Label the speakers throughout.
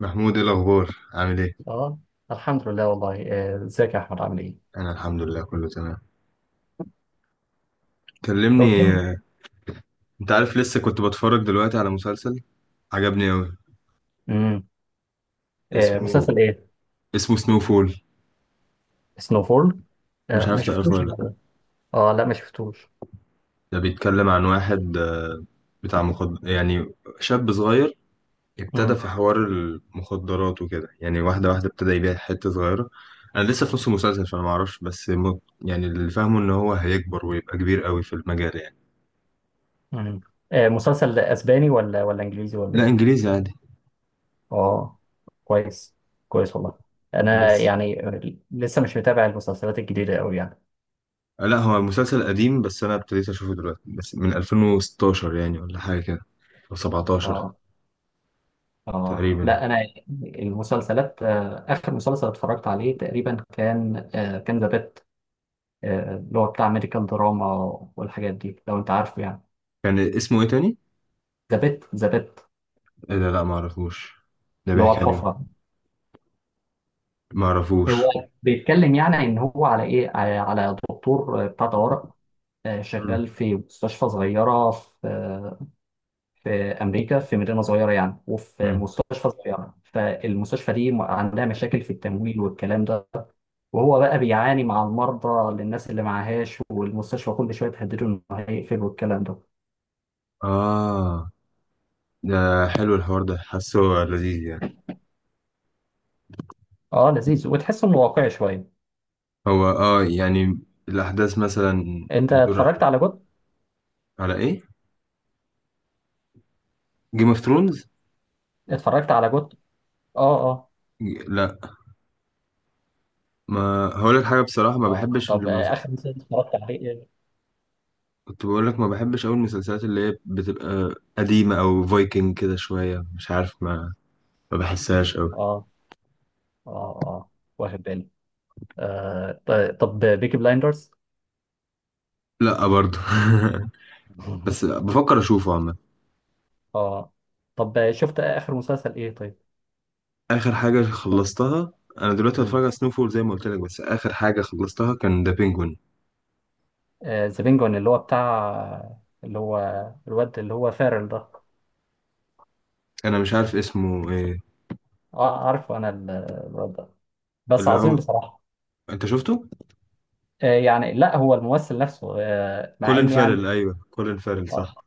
Speaker 1: محمود، ايه الاخبار؟ عامل ايه؟
Speaker 2: اه الحمد لله والله ازيك يا احمد عامل ايه؟
Speaker 1: انا الحمد لله كله تمام.
Speaker 2: قلت
Speaker 1: كلمني.
Speaker 2: لي.
Speaker 1: آه، انت عارف، لسه كنت بتفرج دلوقتي على مسلسل عجبني اوي
Speaker 2: امم
Speaker 1: اسمه
Speaker 2: مسلسل ايه؟
Speaker 1: اسمه سنو فول.
Speaker 2: سنوفول.
Speaker 1: مش عارف
Speaker 2: ما
Speaker 1: تعرفه
Speaker 2: شفتوش
Speaker 1: ولا لا؟
Speaker 2: يعني. اه لا ما شفتوش.
Speaker 1: ده بيتكلم عن واحد، بتاع مخد يعني، شاب صغير، ابتدى
Speaker 2: امم
Speaker 1: في حوار المخدرات وكده يعني واحده واحده، ابتدى يبيع حته صغيره. انا لسه في نص المسلسل فانا ما اعرفش بس يعني اللي فاهمه ان هو هيكبر ويبقى كبير قوي في المجال يعني.
Speaker 2: امم مسلسل اسباني ولا انجليزي ولا
Speaker 1: لا،
Speaker 2: ايه؟
Speaker 1: انجليزي عادي.
Speaker 2: اه كويس، كويس والله. انا
Speaker 1: بس
Speaker 2: يعني لسه مش متابع المسلسلات الجديده قوي يعني.
Speaker 1: لا، هو مسلسل قديم بس انا ابتديت اشوفه دلوقتي، بس من 2016 يعني ولا حاجه كده، او 17
Speaker 2: اه اه
Speaker 1: تقريبا.
Speaker 2: لا انا المسلسلات، اخر مسلسل اتفرجت عليه تقريبا كان، كان ذا بيت، اللي هو بتاع ميديكال دراما والحاجات دي لو انت عارفه يعني.
Speaker 1: كان اسمه ايه تاني؟
Speaker 2: ذا بيت
Speaker 1: إيه ده، لا ما اعرفوش. ده
Speaker 2: اللي هو
Speaker 1: بيحكي عن ايه؟
Speaker 2: الحفرة.
Speaker 1: ما اعرفوش.
Speaker 2: هو بيتكلم يعني ان هو على ايه، على دكتور، بتاع طوارئ،
Speaker 1: مم.
Speaker 2: شغال في مستشفى صغيرة في في امريكا، في مدينة صغيرة يعني، وفي
Speaker 1: مم.
Speaker 2: مستشفى صغيرة. فالمستشفى دي عندها مشاكل في التمويل والكلام ده، وهو بقى بيعاني مع المرضى للناس اللي معهاش، والمستشفى كل شوية تهدده انه هيقفل والكلام ده.
Speaker 1: اه، ده حلو الحوار ده، حاسه لذيذ يعني.
Speaker 2: اه لذيذ وتحس انه واقعي شوية.
Speaker 1: هو يعني الاحداث مثلا
Speaker 2: انت
Speaker 1: بتدور
Speaker 2: اتفرجت
Speaker 1: على.
Speaker 2: على جوت؟
Speaker 1: على ايه؟ جيم اوف ثرونز.
Speaker 2: اتفرجت على جوت، اه اه.
Speaker 1: لا، ما هقول لك حاجه بصراحه، ما
Speaker 2: اه
Speaker 1: بحبش.
Speaker 2: طب اخر مسلسل اتفرجت عليه ايه؟
Speaker 1: كنت بقول لك ما بحبش أوي المسلسلات اللي هي بتبقى قديمة أو فايكنج كده شوية، مش عارف ما بحسهاش أوي.
Speaker 2: اه اه اه، واخد بالي. آه طب بيكي بلايندرز.
Speaker 1: لا برضو. بس بفكر أشوفه عامة.
Speaker 2: اه طب شفت اخر مسلسل ايه طيب؟
Speaker 1: آخر حاجة خلصتها، أنا دلوقتي هتفرج
Speaker 2: امم،
Speaker 1: على سنوفول زي ما قلت لك، بس آخر حاجة خلصتها كان ذا بينجوين.
Speaker 2: ذا بينجوين اللي هو بتاع اللي هو الواد اللي هو فارل ده.
Speaker 1: أنا مش عارف اسمه إيه.
Speaker 2: اه عارفه انا الواد ده. بس
Speaker 1: اللي
Speaker 2: عظيم
Speaker 1: هو،
Speaker 2: بصراحة.
Speaker 1: أنت شفته؟
Speaker 2: آه يعني لا هو الممثل نفسه آه، مع
Speaker 1: كولين
Speaker 2: ان يعني،
Speaker 1: فارل، أيوه كولين فارل
Speaker 2: اه
Speaker 1: صح.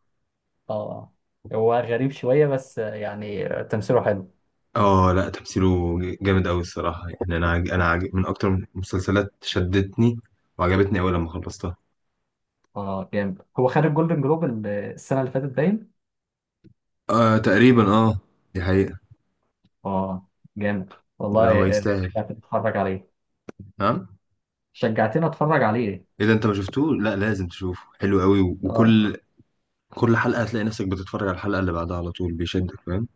Speaker 2: اه آه. هو غريب شوية بس، يعني تمثيله حلو.
Speaker 1: اه لا، تمثيله جامد أوي الصراحة يعني. من أكتر المسلسلات شدتني وعجبتني أوي لما خلصتها.
Speaker 2: اه جامد، هو خد الجولدن جلوب السنة اللي فاتت باين.
Speaker 1: آه تقريبا، اه. دي حقيقة.
Speaker 2: اه جامد
Speaker 1: لا
Speaker 2: والله.
Speaker 1: هو يستاهل.
Speaker 2: شجعتني اتفرج عليه.
Speaker 1: ها.
Speaker 2: شجعتني اتفرج عليه.
Speaker 1: اذا انت ما شفتوه لا، لازم تشوفه، حلو قوي، و-
Speaker 2: اه
Speaker 1: وكل كل حلقة هتلاقي نفسك بتتفرج على الحلقة اللي بعدها على طول، بيشدك فاهم.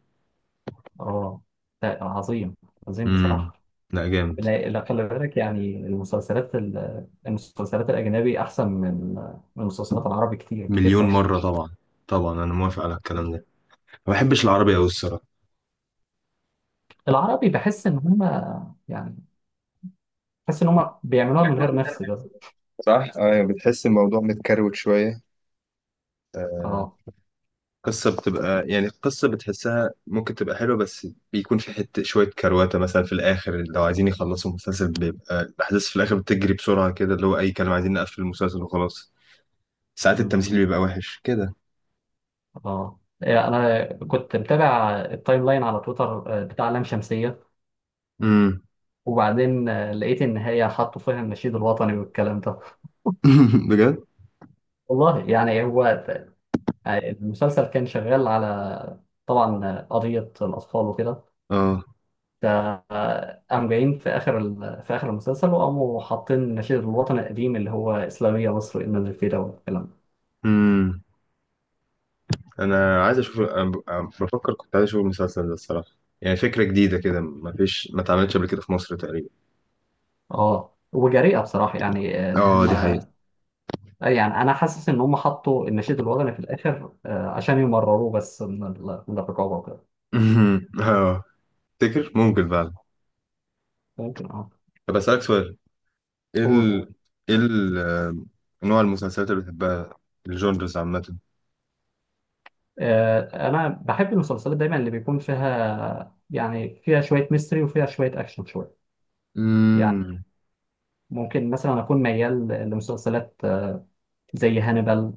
Speaker 2: اه، لا، عظيم، عظيم
Speaker 1: امم.
Speaker 2: بصراحة.
Speaker 1: لا جامد.
Speaker 2: لا لا، خلي بالك يعني، المسلسلات المسلسلات الأجنبي أحسن من من المسلسلات العربي كتير كتير
Speaker 1: مليون
Speaker 2: فشخ.
Speaker 1: مرة طبعا. طبعا انا موافق على الكلام ده. ما بحبش العربي قوي الصراحة.
Speaker 2: العربي بحس إن هما يعني، بحس إن هما بيعملوها من غير نفس كده.
Speaker 1: صح، ايوه، بتحس الموضوع متكروت شويه.
Speaker 2: اه
Speaker 1: قصة بتبقى يعني قصة بتحسها ممكن تبقى حلوة، بس بيكون في حتة شوية كرواتة مثلا في الآخر، لو عايزين يخلصوا المسلسل بيبقى الأحداث في الآخر بتجري بسرعة كده، اللي هو أي كلام، عايزين نقفل المسلسل وخلاص. ساعات
Speaker 2: أمم،
Speaker 1: التمثيل بيبقى وحش كده.
Speaker 2: اه إيه، أنا كنت متابع التايم لاين على تويتر، بتاع لام شمسية.
Speaker 1: امم.
Speaker 2: وبعدين لقيت ان هي حطوا فيها النشيد الوطني والكلام ده.
Speaker 1: بجد؟
Speaker 2: والله يعني هو، يعني المسلسل كان شغال على، طبعا قضية الأطفال وكده.
Speaker 1: اه.
Speaker 2: فقام جايين في آخر في آخر المسلسل، وقاموا حاطين النشيد الوطني القديم اللي هو إسلامية مصر إن الفدا والكلام ده.
Speaker 1: امم. أنا عايز أشوف، أنا أنا بفكر، كنت عايز أشوف المسلسل ده الصراحة. يعني فكرة جديدة كده، ما فيش ما اتعملتش قبل كده في مصر تقريبا.
Speaker 2: اه وجريئة بصراحة يعني، إن
Speaker 1: اه
Speaker 2: هم
Speaker 1: دي حقيقة.
Speaker 2: آه، يعني أنا حاسس إن هم حطوا النشيد الوطني في الآخر، عشان يمرروه بس من من الرقابة وكده.
Speaker 1: اه، تفتكر ممكن فعلا؟
Speaker 2: ممكن اه.
Speaker 1: طب أسألك سؤال. ايه
Speaker 2: قول.
Speaker 1: ال... ايه ال... آه، نوع المسلسلات اللي بتحبها، الجونرز عامة.
Speaker 2: آه، انا بحب المسلسلات دايما اللي بيكون فيها يعني، فيها شويه ميستري وفيها شويه اكشن شويه يعني.
Speaker 1: امم.
Speaker 2: ممكن مثلا اكون ميال لمسلسلات، زي هانيبال،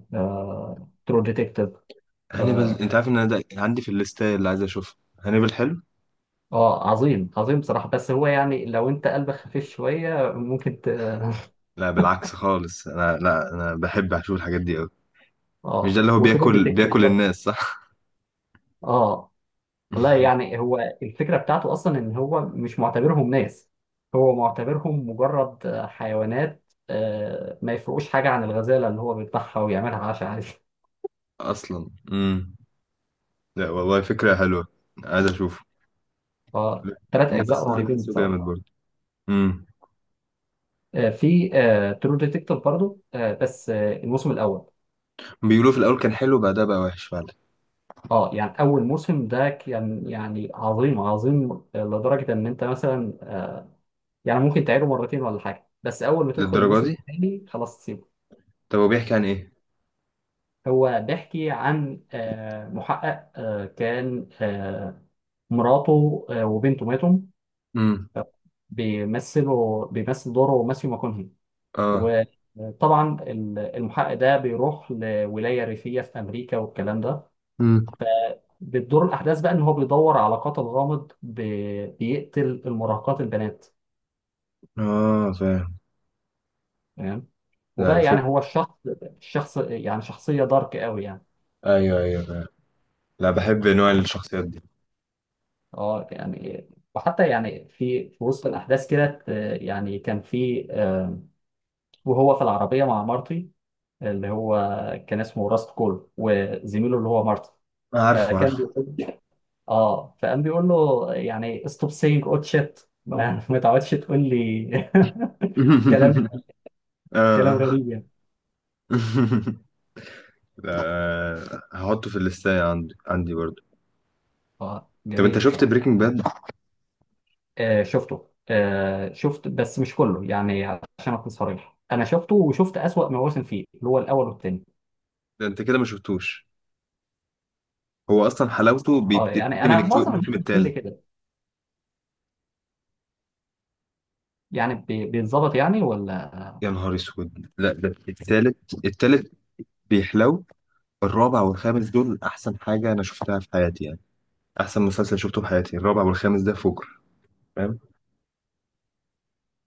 Speaker 2: ترو ديتكتيف، اه True Detective.
Speaker 1: هانيبال،
Speaker 2: آه،
Speaker 1: انت عارف ان انا ده عندي في الليستة اللي عايز اشوفها، هانيبال حلو.
Speaker 2: عظيم، عظيم بصراحه، بس هو يعني لو انت قلبك خفيف شويه ممكن
Speaker 1: لا بالعكس خالص، انا لا، انا بحب اشوف الحاجات دي قوي. مش ده
Speaker 2: اه.
Speaker 1: اللي هو
Speaker 2: وترو
Speaker 1: بياكل
Speaker 2: ديتكتيف
Speaker 1: بياكل
Speaker 2: برضه.
Speaker 1: الناس صح؟
Speaker 2: اه والله يعني هو، الفكرة بتاعته أصلا إن هو مش معتبرهم ناس، هو معتبرهم مجرد حيوانات، ما يفرقوش حاجة عن الغزالة اللي هو بيذبحها ويعملها عشاء عادي.
Speaker 1: اصلا امم. لا والله فكرة حلوة، عايز اشوفه.
Speaker 2: فثلاث أجزاء
Speaker 1: الممثل ده
Speaker 2: رهيبين
Speaker 1: بحسه جامد
Speaker 2: بصراحة.
Speaker 1: برضه. امم.
Speaker 2: في ترو ديتكتيف برضه، آه، بس آه، الموسم الأول.
Speaker 1: بيقولوا في الاول كان حلو، بعدها بقى وحش فعلا.
Speaker 2: اه يعني أول موسم ده كان يعني عظيم، عظيم، لدرجة إن أنت مثلا، يعني ممكن تعيده مرتين ولا حاجة، بس أول ما تدخل
Speaker 1: للدرجة
Speaker 2: الموسم
Speaker 1: دي؟
Speaker 2: الثاني خلاص.
Speaker 1: طب هو بيحكي عن ايه؟
Speaker 2: هو بيحكي عن، محقق، آه، كان آه، مراته وبنته ماتوا.
Speaker 1: امم.
Speaker 2: بيمثل دوره ماثيو ماكونهي.
Speaker 1: اه.
Speaker 2: وطبعا المحقق ده بيروح لولاية ريفية في أمريكا والكلام ده.
Speaker 1: امم.
Speaker 2: بتدور الأحداث بقى إن هو بيدور على قاتل غامض بيقتل المراهقات البنات.
Speaker 1: اه، فاهم.
Speaker 2: تمام.
Speaker 1: لا
Speaker 2: وبقى يعني
Speaker 1: الفكرة.
Speaker 2: هو الشخص يعني، شخصية دارك قوي يعني.
Speaker 1: ايوه ايوه أيوة. لا بحب نوع الشخصيات دي.
Speaker 2: اه يعني وحتى يعني في في وسط الاحداث كده، آه، يعني كان في آه، وهو في العربيه مع مارتي اللي هو، كان اسمه راست كول، وزميله اللي هو مارتي.
Speaker 1: عارفه
Speaker 2: فكان
Speaker 1: عارفه.
Speaker 2: بيقول اه، فقام بيقول له يعني، ستوب سينج اوت شيت، ما ما تعودش تقول لي. كلام كلام
Speaker 1: اه
Speaker 2: غريب يعني.
Speaker 1: لا، هحطه في الليستة عندي برضه.
Speaker 2: اه
Speaker 1: طب انت
Speaker 2: جميل
Speaker 1: شفت
Speaker 2: بصراحه.
Speaker 1: بريكنج باد؟
Speaker 2: آه شفته، آه شفت بس مش كله يعني، عشان اكون صريح، انا شفته وشفت اسوأ مواسم فيه اللي هو الاول والثاني.
Speaker 1: ده انت كده ما شفتوش. هو اصلا حلاوته
Speaker 2: اه يعني
Speaker 1: بتبتدي من
Speaker 2: انا معظم الناس
Speaker 1: الموسم
Speaker 2: بتقول لي
Speaker 1: الثالث.
Speaker 2: كده، يعني بيتظبط يعني ولا.
Speaker 1: يا نهار اسود، لا ده الثالث، الثالث بيحلو. الرابع والخامس دول احسن حاجة انا شفتها في حياتي يعني. احسن مسلسل شفته في حياتي الرابع والخامس ده فجر.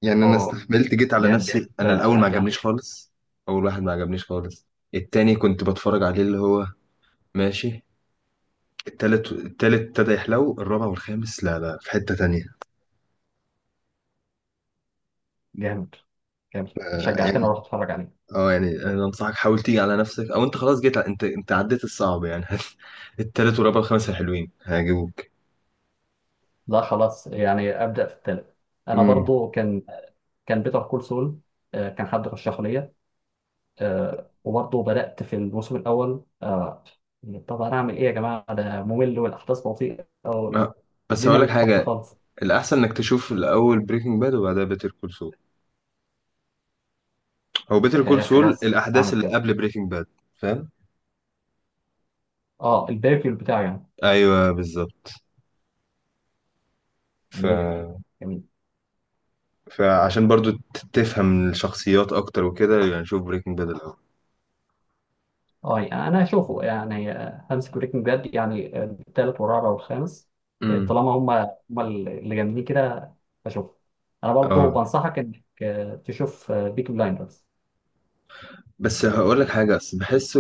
Speaker 1: يعني انا
Speaker 2: اه
Speaker 1: استحملت، جيت على
Speaker 2: جامد.
Speaker 1: نفسي، انا الاول
Speaker 2: آه
Speaker 1: ما
Speaker 2: يعني،
Speaker 1: عجبنيش خالص. اول واحد ما عجبنيش خالص. التاني كنت بتفرج عليه اللي هو ماشي. التالت، التالت ابتدى يحلو، الرابع والخامس لا لا في حتة تانية.
Speaker 2: جامد جامد،
Speaker 1: آه
Speaker 2: شجعتني
Speaker 1: يعني.
Speaker 2: اروح اتفرج عليه.
Speaker 1: اه يعني انا انصحك، حاول تيجي على نفسك، او انت خلاص جيت انت عديت الصعب يعني. التالت والرابع والخامس حلوين هيعجبوك.
Speaker 2: لا خلاص يعني ابدا في التالت. انا
Speaker 1: امم.
Speaker 2: برضو كان، كان بيتر كول سول. آه كان حد رشحه ليا. آه وبرضو بدات في الموسم الاول آه. طب انا اعمل ايه يا جماعه، ده ممل والاحداث بطيئه
Speaker 1: آه. بس
Speaker 2: والدنيا
Speaker 1: هقول
Speaker 2: مش
Speaker 1: لك
Speaker 2: ظابطه
Speaker 1: حاجة،
Speaker 2: خالص.
Speaker 1: الأحسن إنك تشوف الأول بريكنج باد وبعدها بيتر كول سول. هو بيتر كول
Speaker 2: آه
Speaker 1: سول
Speaker 2: خلاص
Speaker 1: الأحداث
Speaker 2: اعمل
Speaker 1: اللي
Speaker 2: كده.
Speaker 1: قبل بريكنج باد. فاهم؟
Speaker 2: اه الباكل بتاعي يعني.
Speaker 1: أيوه بالظبط. ف
Speaker 2: جميل، جميل.
Speaker 1: فعشان برضو تفهم الشخصيات اكتر وكده يعني، شوف بريكنج باد الاول.
Speaker 2: اه يعني انا اشوفه يعني، هانز بريكنج باد يعني، التالت والرابع والخامس،
Speaker 1: امم.
Speaker 2: طالما هم اللي جامدين كده بشوفه. انا برضو
Speaker 1: اه
Speaker 2: بنصحك انك، تشوف بيك بلايندرز.
Speaker 1: بس هقول لك حاجه، بس بحسه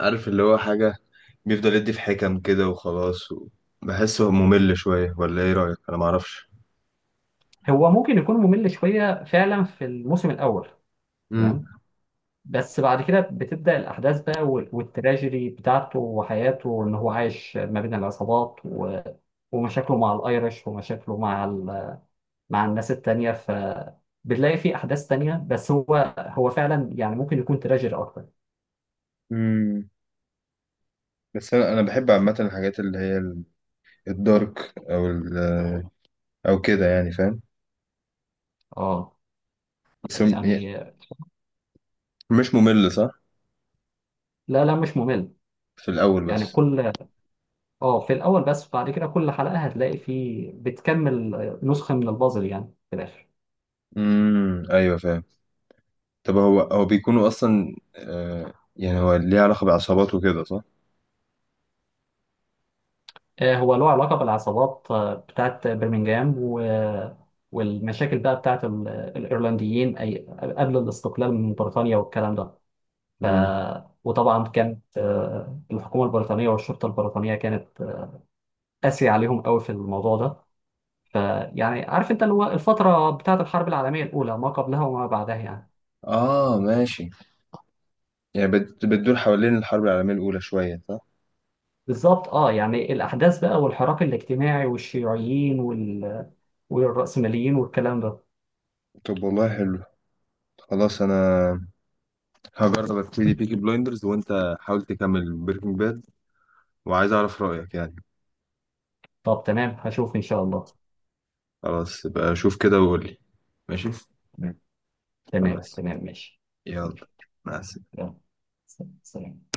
Speaker 1: عارف اللي هو حاجه بيفضل يدي في حكم كده وخلاص بحسه ممل شويه، ولا ايه رايك؟ انا معرفش.
Speaker 2: هو ممكن يكون ممل شويه فعلا في الموسم الاول. تمام.
Speaker 1: امم.
Speaker 2: بس بعد كده بتبدا الاحداث بقى والتراجيدي بتاعته، وحياته ان هو عايش ما بين العصابات ومشاكله مع الايرش، ومشاكله مع مع الناس التانية. بتلاقي في أحداث تانية، بس هو هو فعلا يعني ممكن يكون تراجيدي أكتر.
Speaker 1: امم. بس انا بحب عامه الحاجات اللي هي الدارك، او او كده يعني فاهم.
Speaker 2: اه
Speaker 1: بس
Speaker 2: يعني
Speaker 1: مش ممل صح؟
Speaker 2: لا لا مش ممل.
Speaker 1: في الاول
Speaker 2: يعني
Speaker 1: بس.
Speaker 2: كل، اه في الأول بس، بعد كده كل حلقة هتلاقي في بتكمل نسخة من البازل يعني في الآخر.
Speaker 1: ايوه فاهم. طب هو بيكونوا اصلا، يعني هو ليه علاقة بعصابات وكده صح؟
Speaker 2: هو له علاقة بالعصابات، بتاعت برمنجهام والمشاكل بقى بتاعت الإيرلنديين، أي قبل الاستقلال من بريطانيا والكلام ده. ف...
Speaker 1: امم.
Speaker 2: وطبعا كانت، الحكومة البريطانية والشرطة البريطانية كانت قاسي عليهم قوي في الموضوع ده. فيعني عارف انت اللي هو الفتره بتاعه الحرب العالميه الاولى ما قبلها وما بعدها يعني.
Speaker 1: اه ماشي. يعني بتدور حوالين الحرب العالمية الأولى شوية صح؟
Speaker 2: بالظبط. اه يعني الاحداث بقى والحراك الاجتماعي والشيوعيين والرأسماليين والكلام ده.
Speaker 1: طب والله حلو. خلاص انا هجرب ابتدي بيكي بلايندرز وانت حاول تكمل بريكنج باد، وعايز اعرف رأيك يعني.
Speaker 2: طب تمام هشوف ان شاء الله.
Speaker 1: خلاص يبقى شوف كده وقول لي. ماشي.
Speaker 2: تمام، تمام
Speaker 1: خلاص.
Speaker 2: تمام ماشي.
Speaker 1: يلا، مع السلامة.
Speaker 2: يلا، سلام.